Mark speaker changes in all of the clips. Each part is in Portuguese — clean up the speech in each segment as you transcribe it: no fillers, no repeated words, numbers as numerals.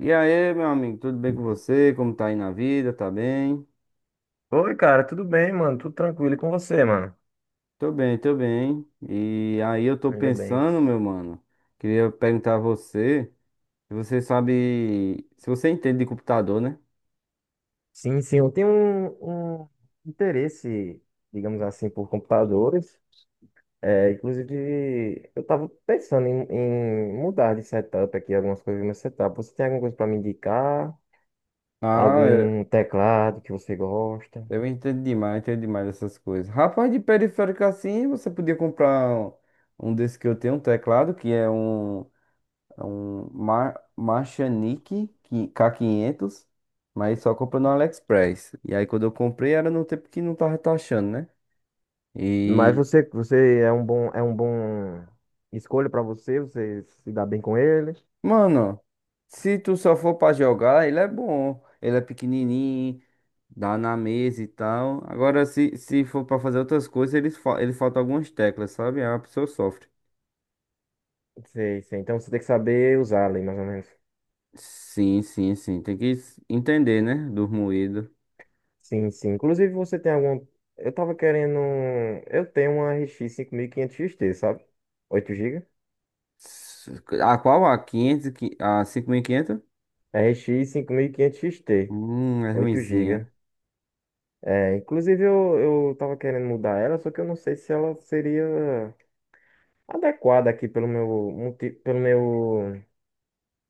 Speaker 1: E aí, meu amigo, tudo bem com você? Como tá aí na vida? Tá bem?
Speaker 2: Oi, cara, tudo bem, mano? Tudo tranquilo e com você, mano?
Speaker 1: Tô bem, tô bem. E aí eu tô
Speaker 2: Ainda bem.
Speaker 1: pensando, meu mano, queria perguntar a você, se você sabe, se você entende de computador, né?
Speaker 2: Sim, sim, eu tenho um interesse, digamos assim, por computadores. É, inclusive, eu estava pensando em mudar de setup aqui, algumas coisas no meu setup. Você tem alguma coisa para me indicar?
Speaker 1: Ah, é-
Speaker 2: Algum teclado que você gosta?
Speaker 1: eu entendo demais essas coisas. Rapaz, de periférico assim, você podia comprar um desse que eu tenho, um teclado, que é um. É um K500, mas só comprei no AliExpress. E aí quando eu comprei era no tempo que não tava taxando, né?
Speaker 2: Mas
Speaker 1: E,
Speaker 2: você é um bom, escolha para você, você se dá bem com ele?
Speaker 1: mano, se tu só for pra jogar, ele é bom. Ele é pequenininho, dá na mesa e tal. Agora, se for pra fazer outras coisas, ele falta algumas teclas, sabe? Aí a pessoa sofre.
Speaker 2: Sei, sei. Então você tem que saber usar ali, mais ou menos.
Speaker 1: Sim, sim, sim. Tem que entender, né? Do moído.
Speaker 2: Sim, sim. Inclusive, você tem algum. Eu tava querendo. Eu tenho uma RX 5500 t, sabe? 8 GB.
Speaker 1: S- A qual? A 500, a 5.500?
Speaker 2: RX 5500 t
Speaker 1: É
Speaker 2: oito gigas.
Speaker 1: ruinzinha.
Speaker 2: É, inclusive, eu tava querendo mudar ela, só que eu não sei se ela seria adequada aqui pelo meu, multi-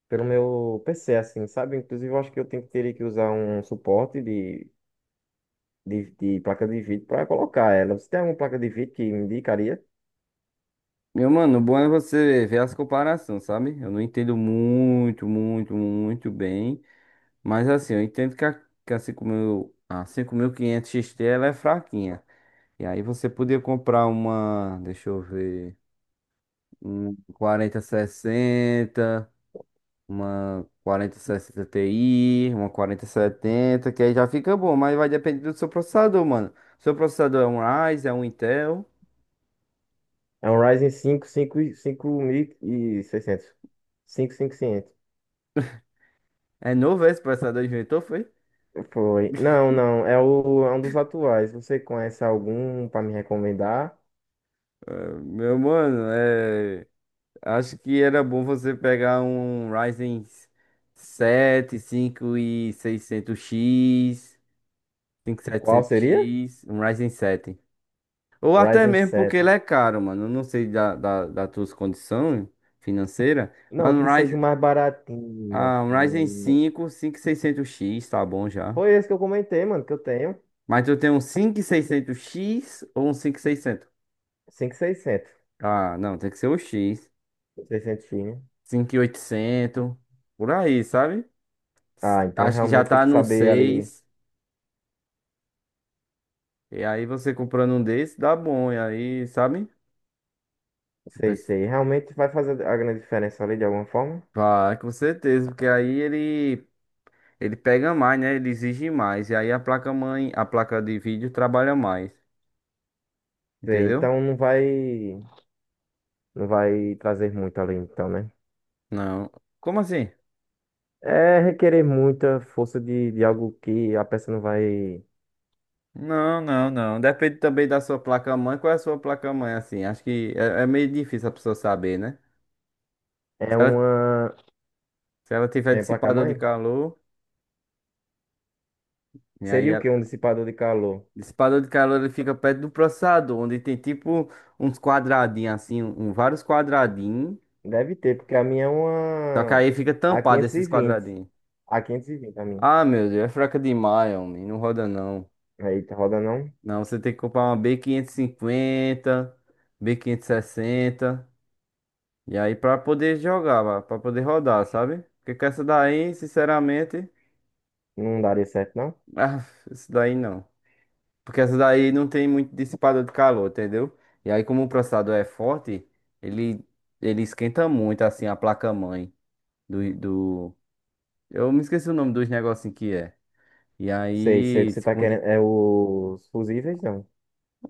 Speaker 2: pelo meu PC, assim, sabe? Inclusive, eu acho que eu tenho, teria que usar um suporte de placa de vídeo para colocar ela. Você tem alguma placa de vídeo que me indicaria?
Speaker 1: Meu mano, o bom é você ver as comparações, sabe? Eu não entendo muito bem. Mas assim, eu entendo que a 5000, a 5500 XT ela é fraquinha. E aí você podia comprar uma, deixa eu ver, um quarenta sessenta uma quarenta sessenta Ti, uma quarenta setenta que aí já fica bom, mas vai depender do seu processador, mano. Seu processador é um Ryzen, é um Intel.
Speaker 2: É um Ryzen cinco 5.600. 5.500.
Speaker 1: É novo esse processador, inventou, foi?
Speaker 2: Foi. Não, não. É um dos atuais. Você conhece algum para me recomendar?
Speaker 1: Meu mano, acho que era bom você pegar um Ryzen 7, 5 e 600X,
Speaker 2: Qual seria?
Speaker 1: 5700X, um Ryzen 7. Ou até
Speaker 2: Ryzen
Speaker 1: mesmo porque
Speaker 2: sete.
Speaker 1: ele é caro, mano. Eu não sei das tuas condições financeiras, mas
Speaker 2: Não,
Speaker 1: um
Speaker 2: que seja
Speaker 1: Ryzen,
Speaker 2: o mais baratinho,
Speaker 1: ah, um Ryzen
Speaker 2: assim.
Speaker 1: 5, 5600X, tá bom já.
Speaker 2: Foi esse que eu comentei, mano, que eu tenho.
Speaker 1: Mas tu tem um 5600X ou um 5600?
Speaker 2: 5.600.
Speaker 1: Ah, não, tem que ser o X.
Speaker 2: 600, né?
Speaker 1: 5800, por aí, sabe?
Speaker 2: Ah, então
Speaker 1: Acho que já
Speaker 2: realmente tem
Speaker 1: tá
Speaker 2: que
Speaker 1: num
Speaker 2: saber ali.
Speaker 1: 6. E aí você comprando um desse, dá bom. E aí, sabe? O
Speaker 2: Sei,
Speaker 1: Pes-
Speaker 2: sei. Realmente vai fazer a grande diferença ali de alguma forma?
Speaker 1: Vai, com certeza. Porque aí ele pega mais, né? Ele exige mais. E aí a placa-mãe, a placa de vídeo trabalha mais.
Speaker 2: Sei,
Speaker 1: Entendeu?
Speaker 2: então não vai, trazer muito ali, então, né?
Speaker 1: Não. Como assim?
Speaker 2: É requerer muita força de algo que a peça não vai.
Speaker 1: Não, não, não. Depende também da sua placa-mãe. Qual é a sua placa-mãe, assim? Acho que é meio difícil a pessoa saber, né?
Speaker 2: É
Speaker 1: Se ela,
Speaker 2: uma.
Speaker 1: se ela tiver
Speaker 2: É
Speaker 1: dissipador de
Speaker 2: placa-mãe?
Speaker 1: calor, e aí
Speaker 2: Seria o quê? Um dissipador de calor?
Speaker 1: dissipador de calor ele fica perto do processador, onde tem tipo uns quadradinhos assim, vários quadradinhos.
Speaker 2: Deve ter, porque a minha é
Speaker 1: Só que
Speaker 2: uma.
Speaker 1: aí fica
Speaker 2: a
Speaker 1: tampado
Speaker 2: quinhentos e
Speaker 1: esses
Speaker 2: vinte
Speaker 1: quadradinhos.
Speaker 2: a quinhentos e vinte a minha.
Speaker 1: Ah, meu Deus, é fraca demais, homem. Não roda não.
Speaker 2: Aí tá roda não?
Speaker 1: Não, você tem que comprar uma B550, B560. E cinquenta, B quinhentos e sessenta. E aí pra poder jogar, pra poder rodar, sabe? Porque com essa daí, sinceramente,
Speaker 2: Não daria certo, não?
Speaker 1: ah, isso daí não. Porque essa daí não tem muito dissipador de calor, entendeu? E aí, como o processador é forte, ele, ele esquenta muito, assim, a placa-mãe do... Eu me esqueci o nome dos negocinhos que é. E
Speaker 2: Sei, sei o que
Speaker 1: aí,
Speaker 2: você
Speaker 1: se
Speaker 2: tá
Speaker 1: quando-
Speaker 2: querendo. É os fusíveis, não?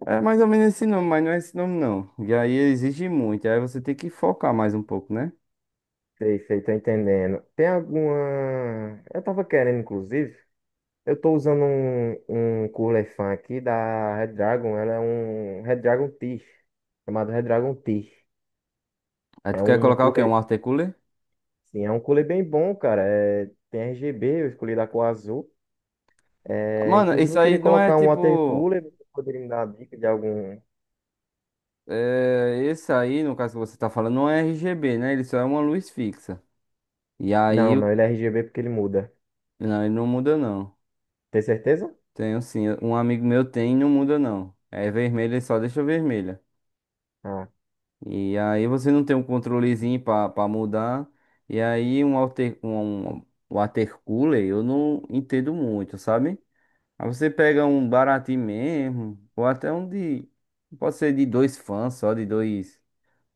Speaker 1: é mais ou menos esse nome, mas não é esse nome, não. E aí, exige muito. Aí você tem que focar mais um pouco, né?
Speaker 2: Sei, sei, tô entendendo. Tem alguma. Eu tava querendo, inclusive. Eu tô usando um cooler fan aqui da Red Dragon. Ela é um Red Dragon Tish, chamado Red Dragon Tish.
Speaker 1: Aí
Speaker 2: É
Speaker 1: tu quer
Speaker 2: um
Speaker 1: colocar o quê? Um
Speaker 2: cooler,
Speaker 1: water cooler?
Speaker 2: sim, é um cooler bem bom, cara. É, tem RGB, eu escolhi da cor azul. É,
Speaker 1: Mano,
Speaker 2: inclusive
Speaker 1: isso
Speaker 2: eu
Speaker 1: aí
Speaker 2: queria
Speaker 1: não é
Speaker 2: colocar um water
Speaker 1: tipo...
Speaker 2: cooler, você poderia me dar uma dica de algum...
Speaker 1: É, esse aí, no caso que você tá falando, não é RGB, né? Ele só é uma luz fixa. E
Speaker 2: Não,
Speaker 1: aí, o-
Speaker 2: não, ele é RGB porque ele muda.
Speaker 1: não, ele não muda, não.
Speaker 2: Tem certeza?
Speaker 1: Tenho sim. Um amigo meu tem e não muda não. É vermelha, ele só deixa vermelha.
Speaker 2: Ah,
Speaker 1: E aí você não tem um controlezinho pra mudar. E aí um water cooler eu não entendo muito, sabe? Aí você pega um baratinho mesmo, ou até um de. Pode ser de dois fãs, só de dois.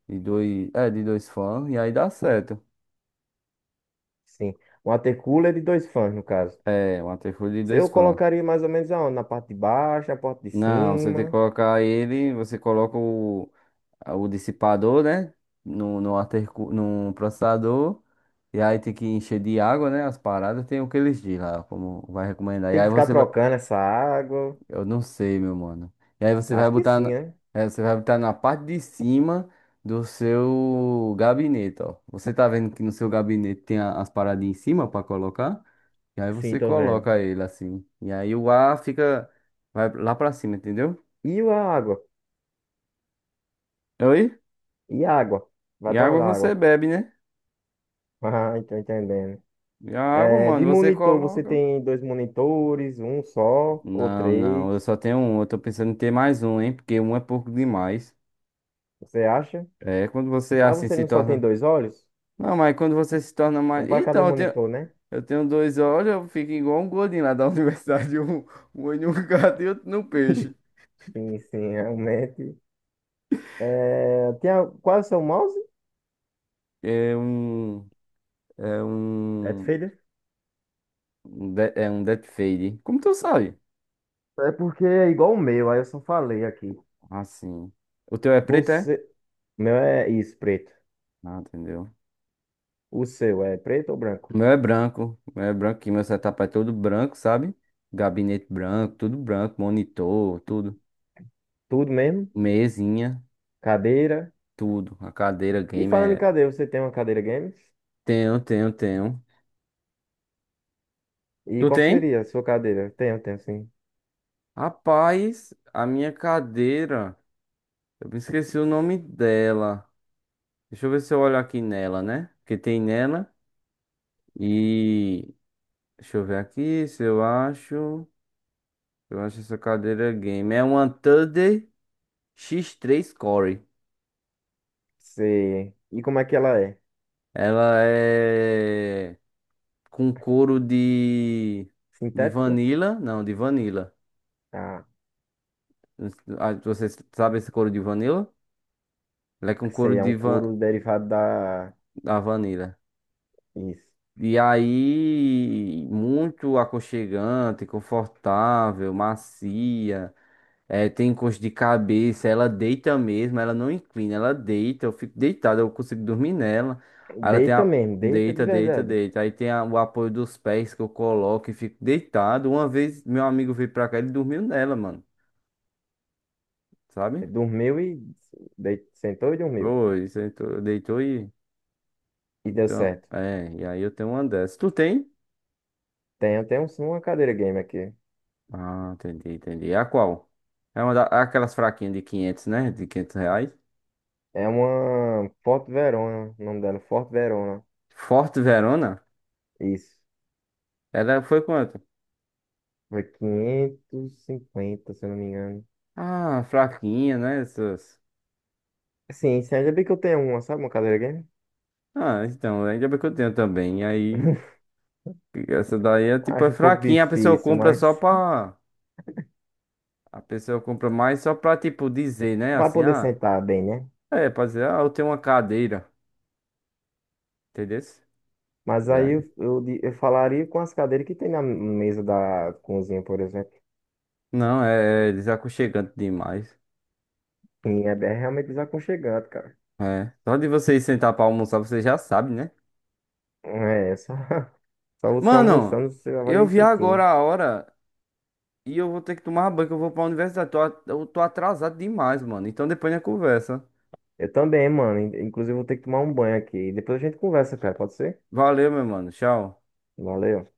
Speaker 1: De dois. É, de dois fãs, e aí dá certo.
Speaker 2: sim. Um water cooler de dois fãs, no caso.
Speaker 1: É, um water cooler de
Speaker 2: Se
Speaker 1: dois
Speaker 2: Eu
Speaker 1: fãs.
Speaker 2: colocaria mais ou menos aonde? Na parte de baixo, na parte de
Speaker 1: Não, você tem que
Speaker 2: cima.
Speaker 1: colocar ele, você coloca o dissipador, né? No processador. E aí tem que encher de água, né? As paradas. Tem o que eles dizem lá, como vai recomendar. E
Speaker 2: Tem que
Speaker 1: aí
Speaker 2: ficar
Speaker 1: você vai.
Speaker 2: trocando essa água.
Speaker 1: Eu não sei, meu mano. E aí você vai
Speaker 2: Acho que
Speaker 1: botar.
Speaker 2: sim,
Speaker 1: Na...
Speaker 2: né?
Speaker 1: é, você vai botar na parte de cima do seu gabinete, ó. Você tá vendo que no seu gabinete tem as paradas em cima pra colocar? E aí
Speaker 2: Sim,
Speaker 1: você
Speaker 2: tô vendo.
Speaker 1: coloca ele assim. E aí o ar fica. Vai lá pra cima, entendeu?
Speaker 2: E a água?
Speaker 1: Oi?
Speaker 2: E a água? Vai
Speaker 1: E
Speaker 2: pra
Speaker 1: água
Speaker 2: onde a
Speaker 1: você
Speaker 2: água?
Speaker 1: bebe, né?
Speaker 2: Ah, tô entendendo.
Speaker 1: E a água,
Speaker 2: É, de
Speaker 1: mano, você
Speaker 2: monitor, você
Speaker 1: coloca.
Speaker 2: tem dois monitores, um só ou
Speaker 1: Não,
Speaker 2: três,
Speaker 1: não, eu só tenho um. Eu tô pensando em ter mais um, hein? Porque um é pouco demais.
Speaker 2: você acha?
Speaker 1: É, quando você
Speaker 2: Mas
Speaker 1: assim
Speaker 2: você
Speaker 1: se
Speaker 2: não só tem
Speaker 1: torna.
Speaker 2: dois olhos?
Speaker 1: Não, mas quando você se torna
Speaker 2: Um
Speaker 1: mais.
Speaker 2: para cada
Speaker 1: Então,
Speaker 2: monitor, né?
Speaker 1: eu tenho dois olhos, eu fico igual um gordinho lá da universidade. Um olho no gato e outro no peixe.
Speaker 2: Sim, sim, realmente. É, qual é o seu mouse?
Speaker 1: É um. É um.
Speaker 2: Deathfader?
Speaker 1: É um death fade. Como tu sabe?
Speaker 2: É porque é igual o meu, aí eu só falei aqui.
Speaker 1: Assim. O teu é preto, é?
Speaker 2: Você. O meu é isso, preto.
Speaker 1: Ah, entendeu.
Speaker 2: O seu é preto ou branco?
Speaker 1: O meu é branco, que meu setup é todo branco, sabe? Gabinete branco, tudo branco, monitor, tudo.
Speaker 2: Tudo mesmo?
Speaker 1: Mesinha,
Speaker 2: Cadeira?
Speaker 1: tudo. A cadeira
Speaker 2: E
Speaker 1: game
Speaker 2: falando em
Speaker 1: é.
Speaker 2: cadeira, você tem uma cadeira games?
Speaker 1: Tenho, tenho, tenho.
Speaker 2: E
Speaker 1: Tu
Speaker 2: qual
Speaker 1: tem?
Speaker 2: seria a sua cadeira? Tenho, tenho sim.
Speaker 1: Rapaz, a minha cadeira. Eu me esqueci o nome dela. Deixa eu ver se eu olho aqui nela, né? Que tem nela. E. Deixa eu ver aqui se eu acho. Eu acho essa cadeira game. É uma Thunder x três Core.
Speaker 2: Você... E como é que ela é?
Speaker 1: Ela é. Com couro de. De
Speaker 2: Sintético?
Speaker 1: vanilla. Não, de vanilla.
Speaker 2: Ah,
Speaker 1: Ah, você sabe esse couro de vanilla? Ela é com couro
Speaker 2: sei, é um
Speaker 1: de van...
Speaker 2: couro derivado da.
Speaker 1: da vanila.
Speaker 2: Isso.
Speaker 1: E aí, muito aconchegante, confortável, macia. É, tem encosto de cabeça, ela deita mesmo, ela não inclina, ela deita, eu fico deitado, eu consigo dormir nela. Aí ela tem
Speaker 2: Deita
Speaker 1: a.
Speaker 2: mesmo, deita de
Speaker 1: Deita, deita,
Speaker 2: verdade.
Speaker 1: deita. Aí tem o apoio dos pés que eu coloco e fico deitado. Uma vez meu amigo veio pra cá, ele dormiu nela, mano. Sabe?
Speaker 2: Dormiu e. Sentou e dormiu.
Speaker 1: Foi, sentou, deitou e.
Speaker 2: E deu
Speaker 1: Então,
Speaker 2: certo.
Speaker 1: é, e aí eu tenho uma dessas. Tu tem?
Speaker 2: Tenho, tenho sim, uma cadeira game aqui.
Speaker 1: Ah, entendi, entendi. É a qual? É uma da, é aquelas fraquinhas de 500, né? De 500 reais.
Speaker 2: É uma Forte Verona, o nome dela, Forte Verona.
Speaker 1: Forte Verona?
Speaker 2: Isso.
Speaker 1: Ela foi quanto?
Speaker 2: Foi 550, se eu não me engano.
Speaker 1: Ah, fraquinha, né? Essas.
Speaker 2: Sim, sim, ainda bem que eu tenho uma, sabe? Uma cadeira game.
Speaker 1: Ah, então, ainda bem que eu tenho também. E aí, essa daí é tipo, é
Speaker 2: Acho um pouco
Speaker 1: fraquinha. A pessoa
Speaker 2: difícil,
Speaker 1: compra só
Speaker 2: mas
Speaker 1: pra. A pessoa compra mais só pra, tipo, dizer, né?
Speaker 2: para
Speaker 1: Assim,
Speaker 2: poder
Speaker 1: ah,
Speaker 2: sentar bem, né?
Speaker 1: é, pra dizer, ah, eu tenho uma cadeira. Entendeu?
Speaker 2: Mas
Speaker 1: E
Speaker 2: aí
Speaker 1: aí?
Speaker 2: eu falaria com as cadeiras que tem na mesa da cozinha, por exemplo.
Speaker 1: Não, é, é desaconchegante demais.
Speaker 2: E é realmente desaconchegante, cara.
Speaker 1: É. Só de você ir sentar pra almoçar, você já sabe, né?
Speaker 2: É, só você
Speaker 1: Mano,
Speaker 2: almoçando, você já
Speaker 1: eu
Speaker 2: vai
Speaker 1: vi
Speaker 2: sentindo.
Speaker 1: agora a hora e eu vou ter que tomar banho, que eu vou pra universidade. Eu tô atrasado demais, mano. Então depois a gente conversa.
Speaker 2: Eu também, mano. Inclusive, vou ter que tomar um banho aqui. Depois a gente conversa, cara. Pode ser?
Speaker 1: Valeu, meu mano. Tchau.
Speaker 2: Valeu.